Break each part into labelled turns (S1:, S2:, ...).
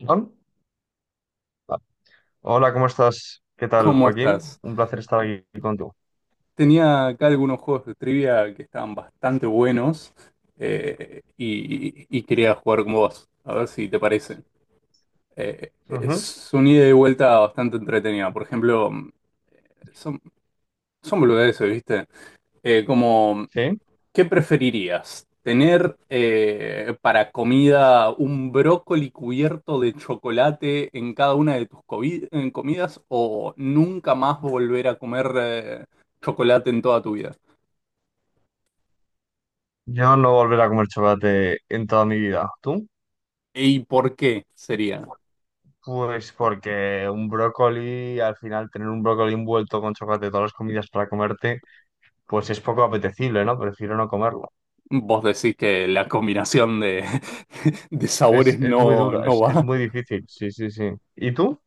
S1: Juan. Hola, ¿cómo estás? ¿Qué tal,
S2: ¿Cómo
S1: Joaquín?
S2: estás?
S1: Un placer estar aquí contigo.
S2: Tenía acá algunos juegos de trivia que estaban bastante buenos , y quería jugar con vos, a ver si te parece.
S1: Ujú.
S2: Es una ida y vuelta bastante entretenida. Por ejemplo, son, son boludeces, ¿viste? Como,
S1: Sí.
S2: ¿qué preferirías? ¿Tener para comida un brócoli cubierto de chocolate en cada una de tus en comidas o nunca más volver a comer chocolate en toda tu vida?
S1: Yo no volveré a comer chocolate en toda mi vida. ¿Tú?
S2: ¿Y por qué sería?
S1: Pues porque un brócoli, al final tener un brócoli envuelto con chocolate todas las comidas para comerte, pues es poco apetecible, ¿no? Prefiero no comerlo.
S2: Vos decís que la combinación de, de
S1: Es,
S2: sabores
S1: es muy
S2: no,
S1: dura,
S2: no
S1: es
S2: va.
S1: muy difícil. Sí, sí, sí. ¿Y tú?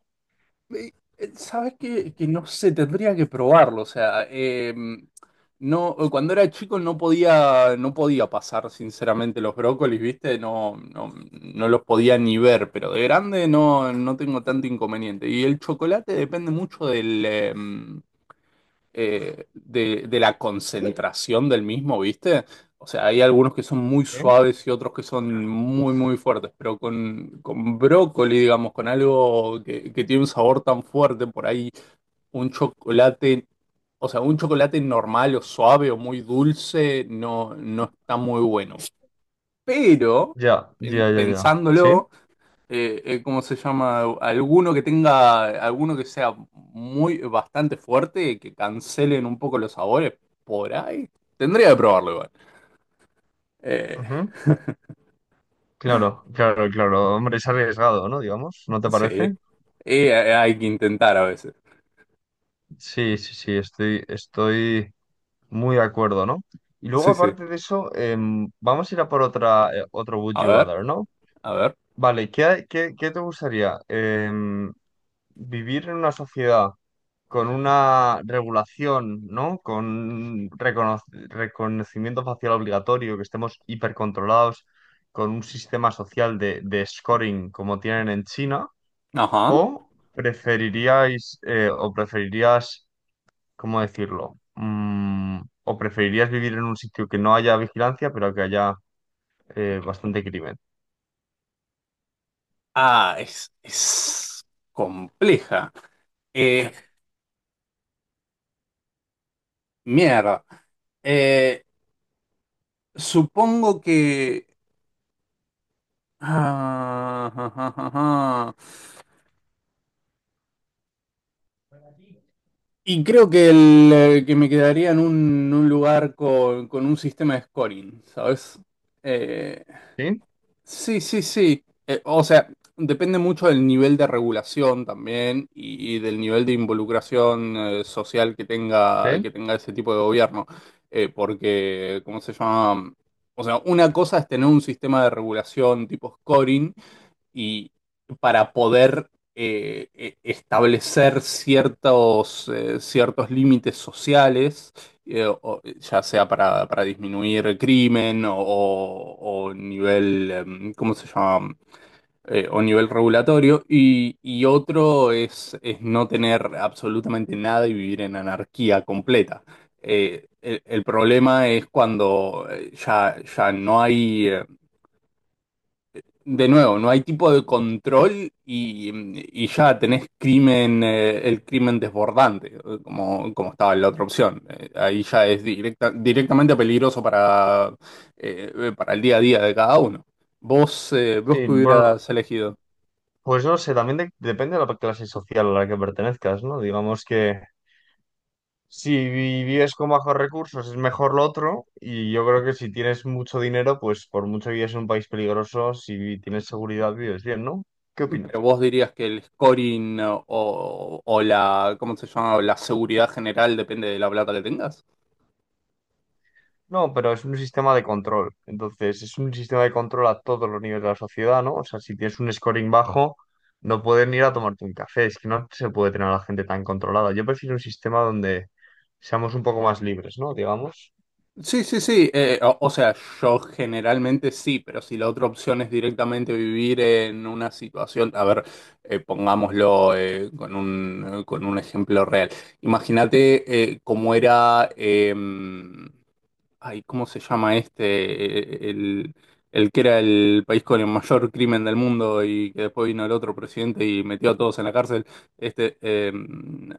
S2: Eh, Sabés que no sé, tendría que probarlo. O sea, no, cuando era chico no podía pasar sinceramente los brócolis, ¿viste? No, no, no los podía ni ver, pero de grande no, no tengo tanto inconveniente. Y el chocolate depende mucho de la concentración del mismo, ¿viste? O sea, hay algunos que son muy
S1: ¿Eh?
S2: suaves y otros que son muy, muy fuertes, pero con brócoli, digamos, con algo que tiene un sabor tan fuerte, por ahí un chocolate, o sea, un chocolate normal o suave o muy dulce no, no está muy bueno. Pero,
S1: Ya,
S2: pen-
S1: ya, ya, ya. ¿Sí?
S2: pensándolo ¿cómo se llama? Alguno que tenga, alguno que sea bastante fuerte, que cancelen un poco los sabores por ahí. Tendría que probarlo igual. Eh,
S1: Ujú. Claro, claro, claro. Hombre, es arriesgado, ¿no? Digamos, ¿no te
S2: sí,
S1: parece?
S2: Hay que intentar a veces.
S1: Sí, sí, sí, estoy muy de acuerdo, ¿no? Y luego,
S2: Sí, sí.
S1: aparte de eso, vamos a ir a por otra, otro Would
S2: A
S1: You
S2: ver,
S1: Rather, ¿no?
S2: a ver.
S1: Vale, ¿ qué, ¿qué te gustaría? ¿Vivir en una sociedad con una regulación, ¿no? Con reconocimiento facial obligatorio, que estemos hipercontrolados, con un sistema social de scoring como tienen en China,
S2: Ajá.
S1: o preferiríais o preferirías, ¿cómo decirlo? ¿O preferirías vivir en un sitio que no haya vigilancia, pero que haya bastante crimen?
S2: Ah, es compleja. Eh, Mierda. Eh, Supongo que... Ah, ah, ah, ah, ah. Y creo que me quedaría en un lugar con un sistema de scoring, ¿sabes? Eh,
S1: ¿Sí?
S2: sí, sí, sí. O sea, depende mucho del nivel de regulación también y del nivel de involucración social que tenga,
S1: ¿Sí?
S2: que tenga ese tipo de gobierno. Porque, ¿cómo se llama? O sea, una cosa es tener un sistema de regulación tipo scoring y para poder establecer ciertos límites sociales, ya sea para disminuir el crimen o nivel, ¿cómo se llama? O nivel regulatorio, y otro es no tener absolutamente nada y vivir en anarquía completa. El problema es cuando ya no hay, de nuevo, no hay tipo de control y ya tenés crimen, el crimen desbordante, como estaba en la otra opción. Ahí ya es directamente peligroso para el día a día de cada uno. Vos
S1: Sí,
S2: que
S1: bueno, no.
S2: hubieras elegido,
S1: Pues no sé, también depende de la clase social a la que pertenezcas, ¿no? Digamos que si vives con bajos recursos es mejor lo otro, y yo creo que si tienes mucho dinero, pues por mucho que vives en un país peligroso, si tienes seguridad vives bien, ¿no? ¿Qué
S2: pero
S1: opinas?
S2: vos dirías que el scoring o la, ¿cómo se llama? La seguridad general depende de la plata que tengas.
S1: No, pero es un sistema de control. Entonces, es un sistema de control a todos los niveles de la sociedad, ¿no? O sea, si tienes un scoring bajo, no pueden ir a tomarte un café. Es que no se puede tener a la gente tan controlada. Yo prefiero un sistema donde seamos un poco más libres, ¿no? Digamos.
S2: Sí, sí, sí. O sea, yo generalmente sí, pero si la otra opción es directamente vivir en una situación, a ver, pongámoslo con un ejemplo real. Imagínate cómo era, ay, ¿cómo se llama este? Eh, El, el que era el país con el mayor crimen del mundo y que después vino el otro presidente y metió a todos en la cárcel. Este, eh,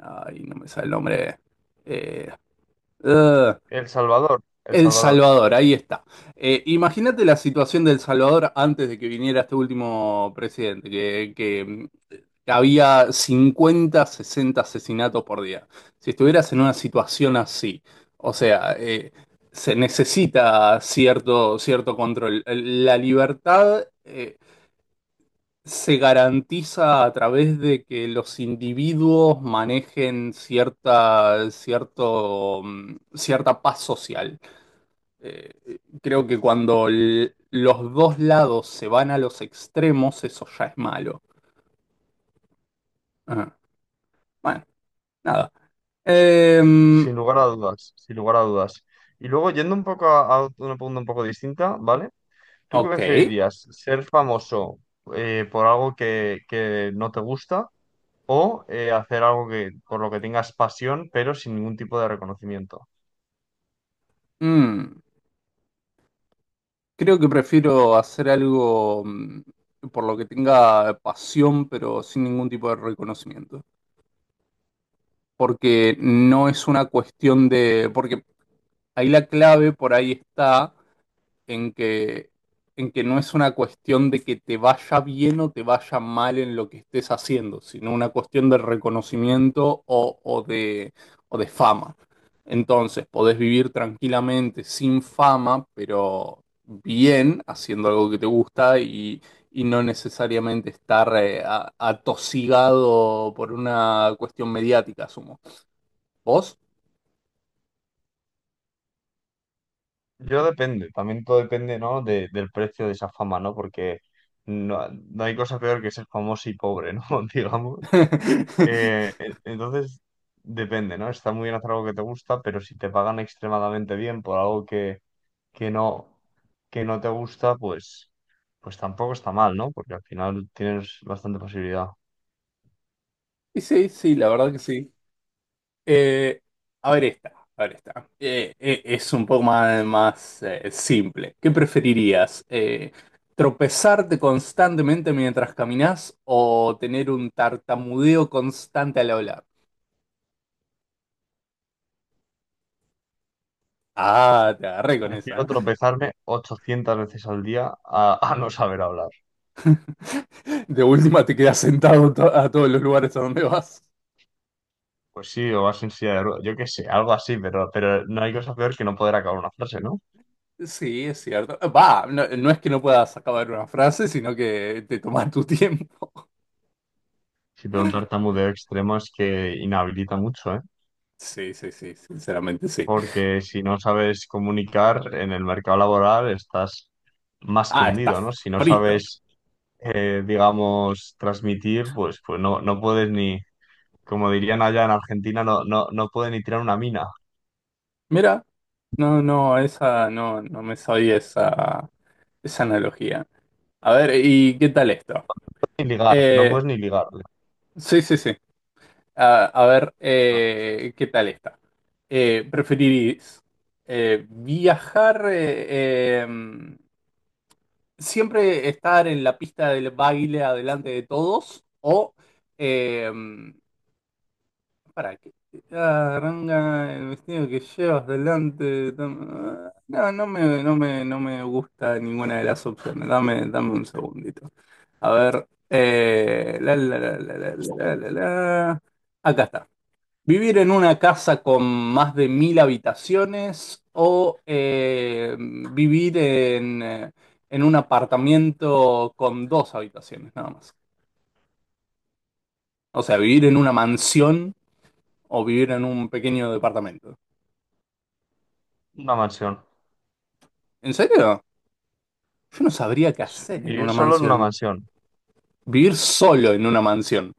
S2: Ay, no me sale el nombre. Eh, Ugh.
S1: El Salvador, El
S2: El
S1: Salvador.
S2: Salvador, ahí está. Imagínate la situación del Salvador antes de que viniera este último presidente, había 50, 60 asesinatos por día. Si estuvieras en una situación así, o sea, se necesita cierto control. La libertad, se garantiza a través de que los individuos manejen cierta paz social. Eh, Creo que cuando los dos lados se van a los extremos, eso ya es malo. Ah, bueno, nada. Em,
S1: Sin lugar a dudas, sin lugar a dudas. Y luego, yendo un poco a una pregunta un poco distinta, ¿vale? ¿Tú qué
S2: ok.
S1: preferirías? ¿Ser famoso por algo que no te gusta? O hacer algo que, por lo que tengas pasión, pero sin ningún tipo de reconocimiento.
S2: Mm, Creo que prefiero hacer algo por lo que tenga pasión, pero sin ningún tipo de reconocimiento. Porque no es una cuestión de... Porque ahí la clave por ahí está en que no es una cuestión de que te vaya bien o te vaya mal en lo que estés haciendo, sino una cuestión de reconocimiento o de fama. Entonces, podés vivir tranquilamente sin fama, pero bien, haciendo algo que te gusta y no necesariamente estar atosigado por una cuestión mediática, asumo. ¿Vos?
S1: Yo depende, también todo depende, ¿no? Del precio de esa fama, ¿no? Porque no, no hay cosa peor que ser famoso y pobre, ¿no? Digamos. Entonces, depende, ¿no? Está muy bien hacer algo que te gusta, pero si te pagan extremadamente bien por algo que no, que no te gusta, pues, pues tampoco está mal, ¿no? Porque al final tienes bastante posibilidad.
S2: Y sí, sí, la verdad que sí. Eh, a ver esta, a ver esta. Es un poco más simple. ¿Qué preferirías? ¿Tropezarte constantemente mientras caminas o tener un tartamudeo constante al hablar? Ah, te agarré con esa.
S1: Prefiero
S2: ¿Eh?
S1: tropezarme 800 veces al día a no saber hablar.
S2: De última te quedas sentado a todos los lugares a donde vas.
S1: Pues sí, o vas en silla de ruedas, yo qué sé, algo así, pero no hay cosa peor que no poder acabar una frase, ¿no?
S2: Sí, es cierto. Va, no, no es que no puedas acabar una frase, sino que te tomas tu tiempo.
S1: Si te da un tartamudeo extremo es que inhabilita mucho, ¿eh?
S2: Sí, sí, sí, sinceramente sí.
S1: Porque si no sabes comunicar en el mercado laboral estás más que
S2: Ah, está
S1: hundido, ¿no? Si no
S2: frito.
S1: sabes, digamos, transmitir, pues, pues no, no puedes ni, como dirían allá en Argentina, no, no, no puedes ni tirar una mina,
S2: Mira, no, no, esa no, no me sabía esa analogía. A ver, ¿y qué tal esto?
S1: ni ligar, no
S2: Eh,
S1: puedes ni ligar. O
S2: sí, sí, sí. A ver,
S1: sea,
S2: ¿qué tal esta? ¿Preferirís viajar, siempre estar en la pista del baile adelante de todos o eh, ¿Para qué? Ah, arranca el vestido que llevas delante. No, no me gusta ninguna de las opciones. Dame un segundito. A ver. La, la, la, la, la, la, la. La. Acá está. ¿Vivir en una casa con más de 1000 habitaciones o vivir en un apartamento con dos habitaciones, nada más? O sea, vivir en una mansión o vivir en un pequeño departamento.
S1: una mansión.
S2: ¿En serio? Yo no sabría qué hacer en
S1: Vivir
S2: una
S1: solo en una
S2: mansión.
S1: mansión.
S2: Vivir solo en una mansión.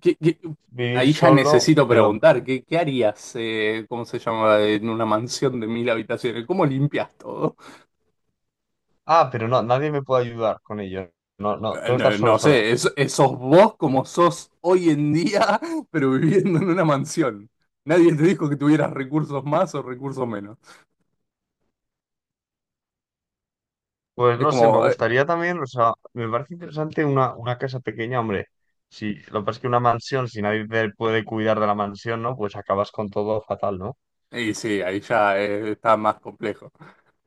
S2: ¿Qué- qué-
S1: Vivir
S2: Ahí ya
S1: solo,
S2: necesito
S1: pero...
S2: preguntar, ¿qué harías, cómo se llama, en una mansión de 1000 habitaciones? ¿Cómo limpias todo?
S1: Ah, pero no, nadie me puede ayudar con ello. No, no, tengo que estar
S2: No,
S1: solo,
S2: no
S1: solo.
S2: sé, sos vos como sos hoy en día, pero viviendo en una mansión. Nadie te dijo que tuvieras recursos más o recursos menos.
S1: Pues
S2: Es
S1: no sé, me
S2: como,
S1: gustaría también, o sea, me parece interesante una casa pequeña, hombre. Si, lo que pasa es que una mansión, si nadie te puede cuidar de la mansión, ¿no? Pues acabas con todo fatal, ¿no?
S2: y sí, ahí ya está más complejo.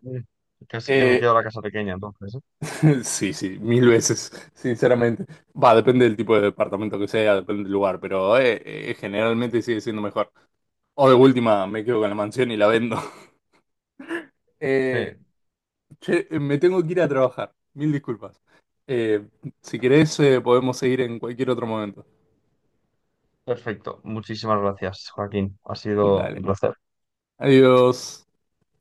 S1: Mm. Casi que me
S2: Eh,
S1: quedo la casa pequeña, entonces.
S2: Sí, sí, mil veces, sinceramente. Va, depende del tipo de departamento que sea, depende del lugar, pero generalmente sigue siendo mejor. O de última, me quedo con la mansión y la vendo.
S1: ¿Eh?
S2: Eh,
S1: Sí,
S2: Che, me tengo que ir a trabajar, mil disculpas. Eh, si querés, podemos seguir en cualquier otro momento.
S1: perfecto. Muchísimas gracias, Joaquín. Ha sido un
S2: Dale,
S1: placer.
S2: adiós.